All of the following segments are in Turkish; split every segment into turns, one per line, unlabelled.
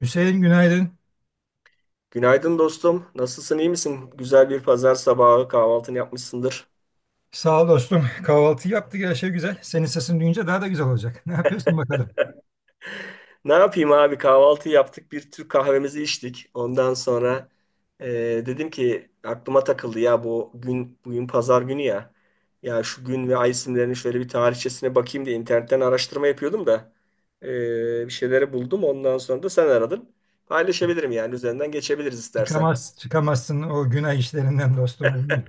Hüseyin günaydın.
Günaydın dostum. Nasılsın, iyi misin? Güzel bir pazar sabahı kahvaltını yapmışsındır.
Sağ ol dostum. Kahvaltı yaptık, her şey güzel. Senin sesini duyunca daha da güzel olacak. Ne yapıyorsun bakalım?
Ne yapayım abi? Kahvaltı yaptık, bir Türk kahvemizi içtik. Ondan sonra e, dedim ki aklıma takıldı ya, bu gün bugün pazar günü ya. Ya şu gün ve ay isimlerinin şöyle bir tarihçesine bakayım diye internetten araştırma yapıyordum da bir şeyleri buldum. Ondan sonra da sen aradın. Paylaşabilirim, yani üzerinden geçebiliriz istersen.
Çıkamaz, çıkamazsın o günah işlerinden dostum. Bunun,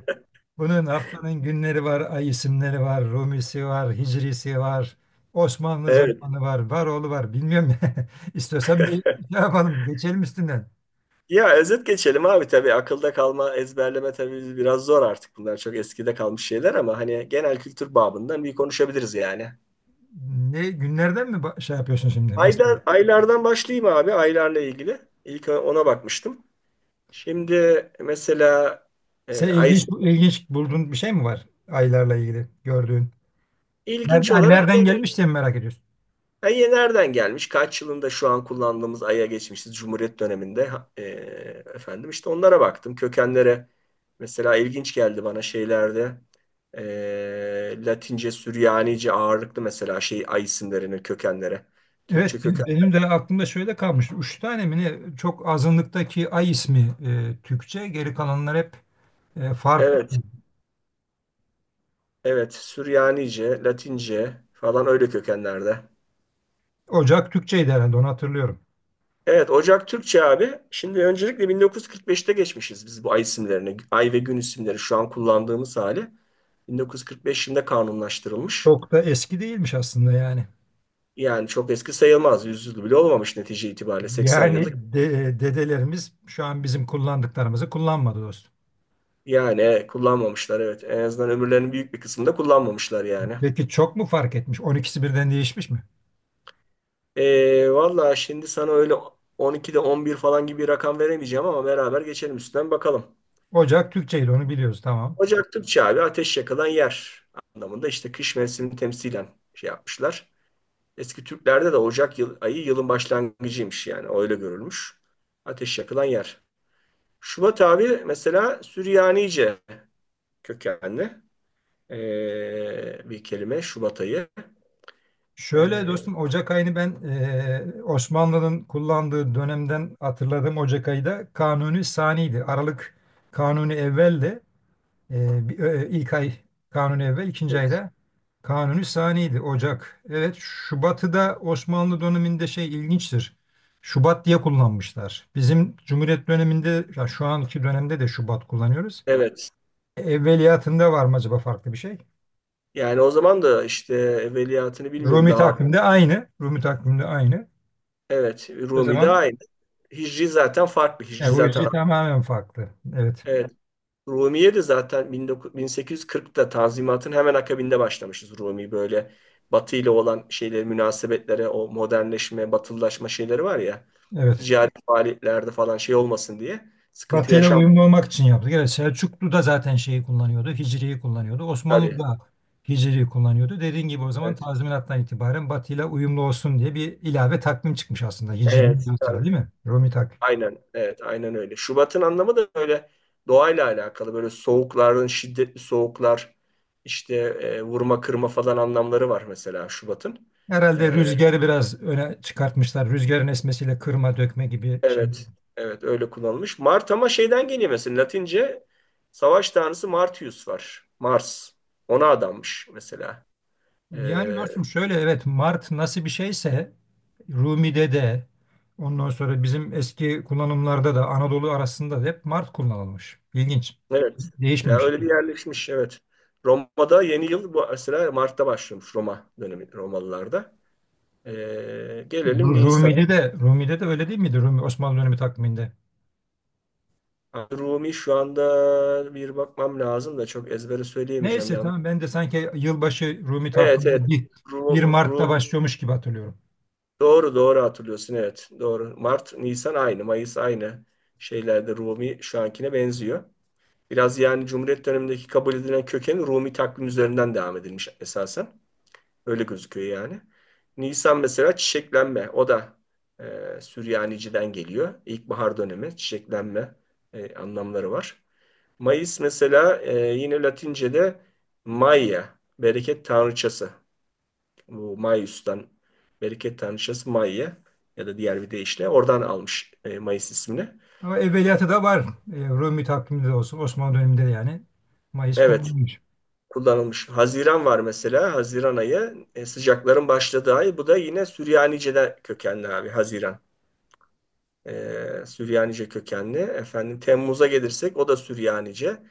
bunun haftanın günleri var, ay isimleri var, Rumisi var, Hicrisi var, Osmanlı
Evet.
zamanı var, Varoğlu var. Bilmiyorum. İstiyorsan bir şey yapalım, geçelim üstünden.
Ya özet geçelim abi, tabii akılda kalma, ezberleme tabii biraz zor, artık bunlar çok eskide kalmış şeyler ama hani genel kültür babından bir konuşabiliriz yani.
Ne günlerden mi şey yapıyorsun şimdi? Bahsediyorsun.
Aylardan başlayayım abi, aylarla ilgili. İlk ona bakmıştım. Şimdi mesela
Sen
ay
ilginç bulduğun bir şey mi var aylarla ilgili gördüğün?
ilginç
Nereden,
olarak
nereden gelmiş diye mi merak ediyorsun?
Ay'e nereden gelmiş? Kaç yılında şu an kullandığımız Ay'a geçmişiz? Cumhuriyet döneminde efendim işte onlara baktım. Kökenlere mesela ilginç geldi bana şeylerde. Latince, Süryanice ağırlıklı mesela şey Ay isimlerinin kökenlere. Türkçe
Evet,
köken.
benim de aklımda şöyle kalmış. Üç tane mi ne? Çok azınlıktaki Ay ismi Türkçe. Geri kalanlar hep farklı.
Evet, evet. Süryanice, Latince falan öyle kökenlerde.
Ocak Türkçeydi herhalde, onu hatırlıyorum.
Evet, Ocak Türkçe abi. Şimdi öncelikle 1945'te geçmişiz biz bu ay isimlerini. Ay ve gün isimleri şu an kullandığımız hali. 1945 yılında kanunlaştırılmış.
Çok da eski değilmiş aslında yani.
Yani çok eski sayılmaz. Yüzyıl bile olmamış netice itibariyle. 80
Yani
yıllık.
dedelerimiz şu an bizim kullandıklarımızı kullanmadı dostum.
Yani kullanmamışlar evet. En azından ömürlerinin büyük bir kısmında kullanmamışlar yani.
Peki çok mu fark etmiş? On ikisi birden değişmiş mi?
Valla şimdi sana öyle 12'de 11 falan gibi bir rakam veremeyeceğim ama beraber geçelim üstten bakalım.
Ocak Türkçeydi, onu biliyoruz, tamam.
Ocak Türkçe abi, ateş yakılan yer anlamında, işte kış mevsimini temsilen şey yapmışlar. Eski Türklerde de Ocak yıl, ayı yılın başlangıcıymış, yani öyle görülmüş. Ateş yakılan yer. Şubat abi mesela Süryanice kökenli bir kelime Şubat ayı.
Şöyle
Ee,
dostum, Ocak ayını ben Osmanlı'nın kullandığı dönemden hatırladığım Ocak ayı da Kanuni Sani'ydi. Aralık Kanuni Evvel'di. İlk ay Kanuni Evvel, ikinci
evet.
ayda Kanuni Sani'ydi Ocak. Evet, Şubat'ı da Osmanlı döneminde şey, ilginçtir. Şubat diye kullanmışlar. Bizim Cumhuriyet döneminde, ya şu anki dönemde de Şubat kullanıyoruz.
Evet.
Evveliyatında var mı acaba farklı bir şey?
Yani o zaman da işte evveliyatını bilmiyorum
Rumi
daha.
takvimde aynı. Rumi takvimde aynı.
Evet,
O
Rumi de
zaman
aynı. Hicri zaten farklı. Hicri
ya bu
zaten
yüzden tamamen farklı. Evet.
evet. Rumiye de zaten 1840'ta Tanzimat'ın hemen akabinde başlamışız Rumi, böyle Batı ile olan şeyleri, münasebetlere, o modernleşme, batılılaşma şeyleri var ya,
Evet.
ticari, evet, faaliyetlerde falan şey olmasın diye, sıkıntı
Batı'yla
yaşam
uyumlu olmak için yaptık. Evet, Selçuklu da zaten şeyi kullanıyordu. Hicri'yi kullanıyordu. Osmanlı
tabii.
da Hicri'yi kullanıyordu. Dediğin gibi o zaman
Evet.
tazminattan itibaren Batı'yla uyumlu olsun diye bir ilave takvim çıkmış aslında. Hicri'nin
Evet,
yanı sıra,
tabii.
değil mi? Rumi takvim.
Aynen, evet, aynen öyle. Şubat'ın anlamı da böyle doğayla alakalı. Böyle soğukların, şiddetli soğuklar, işte vurma kırma falan anlamları var mesela Şubat'ın.
Herhalde
E,
rüzgarı biraz öne çıkartmışlar. Rüzgarın esmesiyle kırma dökme gibi şey.
Evet, evet öyle kullanılmış. Mart ama şeyden geliyor mesela, Latince savaş tanrısı Martius var. Mars. Ona adanmış mesela.
Yani
Ee,
dostum şöyle, evet, Mart nasıl bir şeyse Rumi'de de, ondan sonra bizim eski kullanımlarda da Anadolu arasında da hep Mart kullanılmış. İlginç.
evet. Ya
Değişmemiş.
öyle bir yerleşmiş, evet. Roma'da yeni yıl bu mesela Mart'ta başlamış, Roma dönemi Romalılarda. Gelelim Nisan'a.
Rumi'de de Rumi'de de öyle değil miydi, Rumi Osmanlı dönemi takviminde?
Rumi şu anda bir bakmam lazım da çok ezbere söyleyemeyeceğim,
Neyse
yanlış.
tamam, ben de sanki yılbaşı Rumi
Evet, evet.
takviminde bir, 1 Mart'ta
Rumi.
başlıyormuş gibi hatırlıyorum.
Doğru, doğru hatırlıyorsun, evet. Doğru. Mart, Nisan aynı. Mayıs aynı, şeylerde Rumi şu ankine benziyor. Biraz yani Cumhuriyet dönemindeki kabul edilen kökeni Rumi takvim üzerinden devam edilmiş esasen. Öyle gözüküyor yani. Nisan mesela çiçeklenme. O da Süryaniciden geliyor. İlkbahar dönemi çiçeklenme anlamları var. Mayıs mesela yine Latince'de Maia, bereket tanrıçası. Bu Maius'tan bereket tanrıçası Mai'ye ya da diğer bir deyişle oradan almış Mayıs ismini.
Ama evveliyatı da var. Rumi takviminde de olsun, Osmanlı döneminde de yani Mayıs
Evet,
kullanılmış.
kullanılmış. Haziran var mesela. Haziran ayı, sıcakların başladığı ay. Bu da yine Süryanice'den kökenli abi, Haziran. Süryanice kökenli. Efendim Temmuz'a gelirsek o da Süryanice.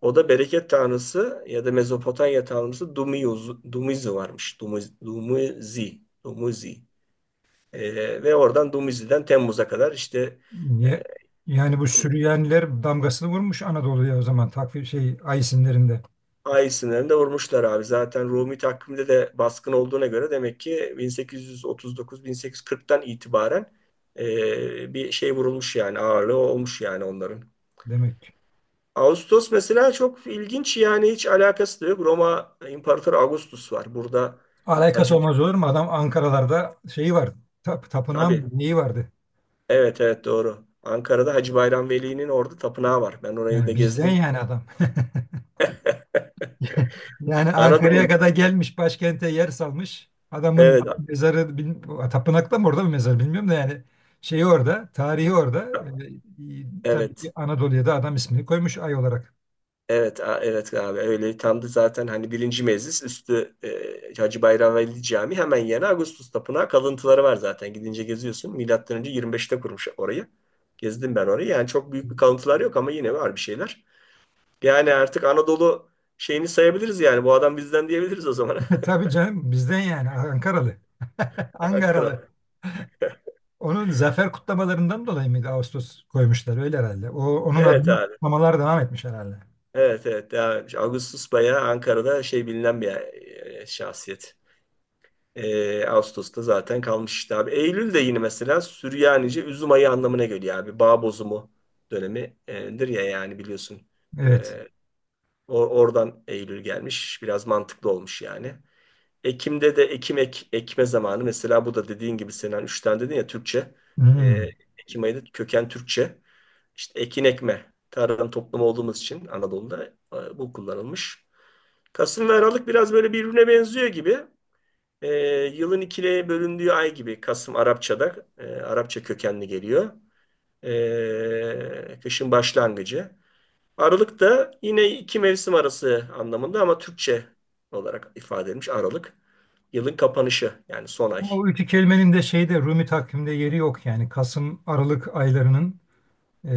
O da bereket tanrısı ya da Mezopotamya tanrısı Dumuz, Dumuzi varmış. Dumuz, Dumuzi. Dumuzi. Ve oradan Dumuzi'den Temmuz'a kadar işte e,
Ye- Yani bu Süryaniler damgasını vurmuş Anadolu'ya, o zaman takvim şey, ay isimlerinde
Ay sınırında vurmuşlar abi. Zaten Rumi takvimde de baskın olduğuna göre, demek ki 1839-1840'tan itibaren bir şey vurulmuş yani, ağırlığı olmuş yani onların.
demek.
Ağustos mesela çok ilginç, yani hiç alakası da yok. Roma İmparatoru Augustus var. Burada Hacı
Alakası olmaz olur mu? Adam Ankaralarda şeyi var. Tapınağı mı
tabii,
neyi vardı?
evet, evet, doğru. Ankara'da Hacı Bayram Veli'nin orada tapınağı var. Ben orayı da
Yani bizden
gezdim.
yani adam. Yani Ankara'ya
Anadolu.
kadar gelmiş, başkente yer salmış. Adamın
Evet.
mezarı tapınakta mı, orada mı mezarı bilmiyorum da yani, şeyi orada, tarihi orada. Tabii ki
Evet.
Anadolu'ya da adam ismini koymuş ay olarak.
Evet, evet abi, öyle tam da zaten, hani birinci meclis üstü Hacı Bayram Veli Camii hemen yanı Ağustos Tapınağı kalıntıları var zaten, gidince geziyorsun. Milattan önce 25'te kurmuş orayı. Gezdim ben orayı. Yani çok büyük bir kalıntılar yok ama yine var bir şeyler. Yani artık Anadolu şeyini sayabiliriz yani. Bu adam bizden diyebiliriz o zaman.
Tabii canım, bizden yani, Ankaralı.
Ankara.
Ankaralı. Onun zafer kutlamalarından dolayı mı Ağustos koymuşlar öyle herhalde. O onun
Evet
adına
abi.
kutlamalar devam etmiş herhalde.
Evet, evet. Yani Ağustos bayağı Ankara'da şey, bilinen bir şahsiyet. Ağustos'ta zaten kalmış işte abi. Eylül de yine mesela Süryanice üzüm ayı anlamına geliyor abi. Bağ bozumu dönemidir ya, yani biliyorsun.
Evet.
Ee, oradan Eylül gelmiş. Biraz mantıklı olmuş yani. Ekim'de de ekim ekme zamanı. Mesela bu da dediğin gibi Sinan, 3 tane dedin ya Türkçe. Ee,
Hmm.
Ekim ayı da köken Türkçe. İşte ekin ekme. Tarım toplumu olduğumuz için Anadolu'da bu kullanılmış. Kasım ve Aralık biraz böyle birbirine benziyor gibi. E, yılın ikiliye bölündüğü ay gibi Kasım, Arapça'da Arapça kökenli geliyor. Kışın başlangıcı. Aralık da yine iki mevsim arası anlamında ama Türkçe olarak ifade edilmiş Aralık. Yılın kapanışı, yani son ay.
Ama o iki kelimenin de şeyde, Rumi takvimde yeri yok yani, Kasım Aralık aylarının e,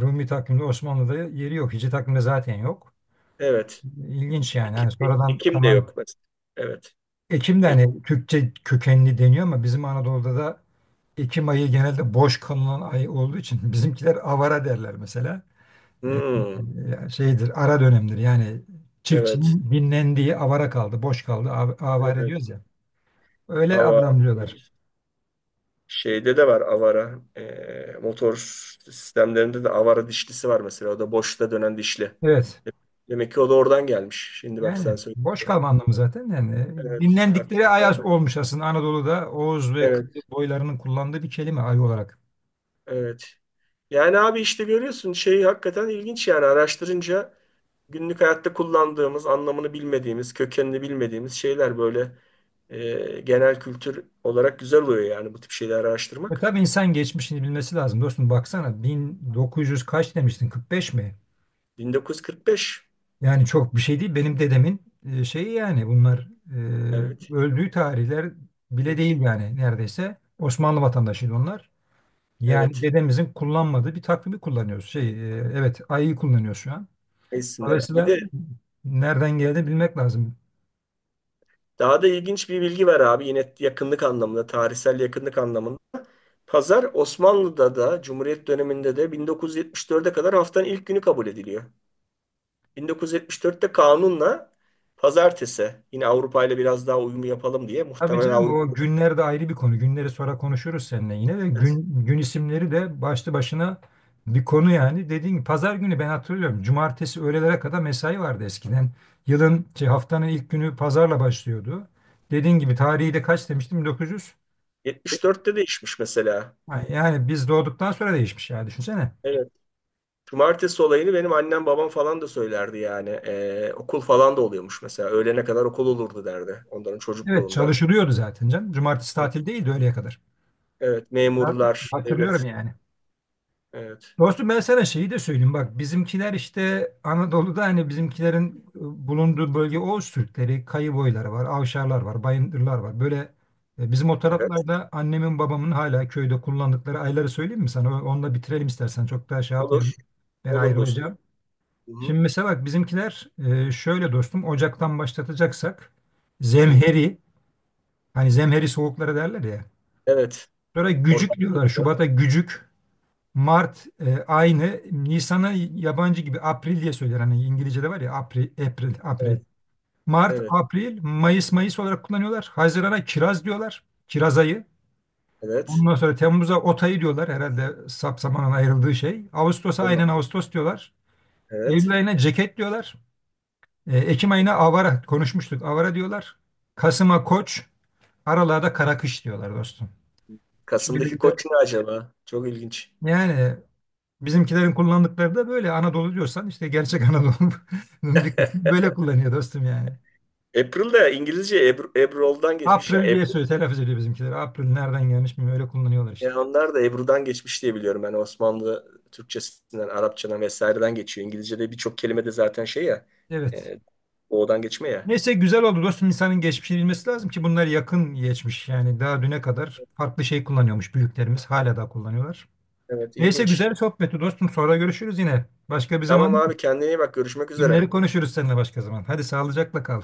Rumi takvimde, Osmanlı'da yeri yok. Hicri takvimde zaten yok.
Evet.
İlginç yani.
Ekim,
Hani sonradan
Ekim de
tamam.
yok mesela. Evet.
Ekim de
Ek-
hani Türkçe kökenli deniyor ama bizim Anadolu'da da Ekim ayı genelde boş kalınan ay olduğu için bizimkiler avara derler mesela.
Hmm,
Şeydir, ara dönemdir. Yani
evet.
çiftçinin dinlendiği, avara kaldı, boş kaldı. Avare
Evet.
diyoruz ya. Öyle
Ava.
adlandırıyorlar.
Evet. Şeyde de var avara. Motor sistemlerinde de avara dişlisi var mesela. O da boşta dönen dişli.
Evet.
Demek ki o da oradan gelmiş. Şimdi bak sen
Yani boş
söyleyince.
kalma anlamı zaten yani
Evet,
dinlendikleri
aklıma
ay
geldi.
olmuş aslında Anadolu'da Oğuz ve Kıbrıs
Evet.
boylarının kullandığı bir kelime, ay olarak.
Evet. Yani abi işte görüyorsun şey, hakikaten ilginç yani araştırınca, günlük hayatta kullandığımız, anlamını bilmediğimiz, kökenini bilmediğimiz şeyler böyle genel kültür olarak güzel oluyor yani bu tip şeyleri
E
araştırmak.
tabii, insan geçmişini bilmesi lazım. Dostum baksana, 1900 kaç demiştin, 45 mi?
1945.
Yani çok bir şey değil. Benim dedemin şeyi yani, bunlar
Evet.
öldüğü tarihler bile
Evet.
değil yani neredeyse. Osmanlı vatandaşıydı onlar. Yani
Evet.
bedenimizin kullanmadığı bir takvimi kullanıyoruz. Şey, evet, ayı kullanıyoruz şu an.
Ne isimler. Bir
Dolayısıyla
de
nereden geldi bilmek lazım.
daha da ilginç bir bilgi var abi, yine yakınlık anlamında, tarihsel yakınlık anlamında. Pazar, Osmanlı'da da Cumhuriyet döneminde de 1974'e kadar haftanın ilk günü kabul ediliyor. 1974'te kanunla pazartesi, yine Avrupa ile biraz daha uyumu yapalım diye
Tabii
muhtemelen,
canım,
Avrupa.
o günler de ayrı bir konu. Günleri sonra konuşuruz seninle yine de,
Evet.
gün isimleri de başlı başına bir konu yani. Dediğin gibi pazar günü ben hatırlıyorum. Cumartesi öğlelere kadar mesai vardı eskiden. Yılın şey, haftanın ilk günü pazarla başlıyordu. Dediğin gibi tarihi de kaç demiştim, 1900.
74'te değişmiş mesela.
Yani biz doğduktan sonra değişmiş yani, düşünsene.
Evet. Cumartesi olayını benim annem babam falan da söylerdi yani. Okul falan da oluyormuş mesela. Öğlene kadar okul olurdu derdi onların
Evet,
çocukluğunda.
çalışılıyordu zaten canım. Cumartesi
Evet.
tatil değildi, öğleye kadar.
Evet,
Ben
memurlar,
hatırlıyorum
devlet.
yani.
Evet.
Dostum, ben sana şeyi de söyleyeyim. Bak bizimkiler işte Anadolu'da, hani bizimkilerin bulunduğu bölge, Oğuz Türkleri, Kayı boyları var, Avşarlar var, Bayındırlar var. Böyle bizim o
Evet.
taraflarda annemin babamın hala köyde kullandıkları ayları söyleyeyim mi sana? Onunla bitirelim istersen. Çok daha şey yapmayalım.
Olur.
Ben
Olur dostum.
ayrılacağım.
Hı hı.
Şimdi mesela bak bizimkiler şöyle dostum, Ocak'tan başlatacaksak
Hı.
zemheri, hani zemheri soğukları derler ya.
Evet.
Sonra gücük
Orada
diyorlar. Şubat'a gücük. Mart aynı. Nisan'a yabancı gibi April diye söyler. Hani İngilizce'de var ya, April, April, April.
evet,
Mart,
evet,
April, Mayıs, Mayıs olarak kullanıyorlar. Haziran'a kiraz diyorlar. Kiraz ayı.
evet.
Ondan sonra Temmuz'a ot ayı diyorlar. Herhalde sap ayrıldığı şey. Ağustos'a
Olan,
aynen Ağustos diyorlar. Eylül
evet.
ayına ceket diyorlar. Ekim ayına avara konuşmuştuk. Avara diyorlar. Kasım'a koç. Aralığa da kara kış diyorlar dostum. Şöyle
Kasım'daki
bir de
koç ne acaba? Çok ilginç.
yani, bizimkilerin kullandıkları da böyle, Anadolu diyorsan işte gerçek Anadolu'nun bir kısmı böyle kullanıyor dostum yani.
April de İngilizce Ebru, Ebrol'dan geçmiş ya.
April diye
Ebru,
söylüyor, telaffuz ediyor bizimkiler. April nereden gelmiş mi öyle kullanıyorlar işte.
yani onlar da Ebru'dan geçmiş diye biliyorum. Yani Osmanlı Türkçesinden, Arapçadan vesaireden geçiyor. İngilizce'de birçok kelime de zaten şey ya,
Evet.
e, odan geçme ya.
Neyse güzel oldu dostum, İnsanın geçmişini bilmesi lazım ki bunlar yakın geçmiş yani, daha düne kadar farklı şey kullanıyormuş büyüklerimiz, hala da kullanıyorlar.
Evet,
Neyse
ilginç.
güzel sohbetti dostum, sonra görüşürüz yine. Başka bir
Tamam
zaman
abi, kendine iyi bak. Görüşmek üzere.
günleri konuşuruz seninle, başka zaman. Hadi sağlıcakla kal.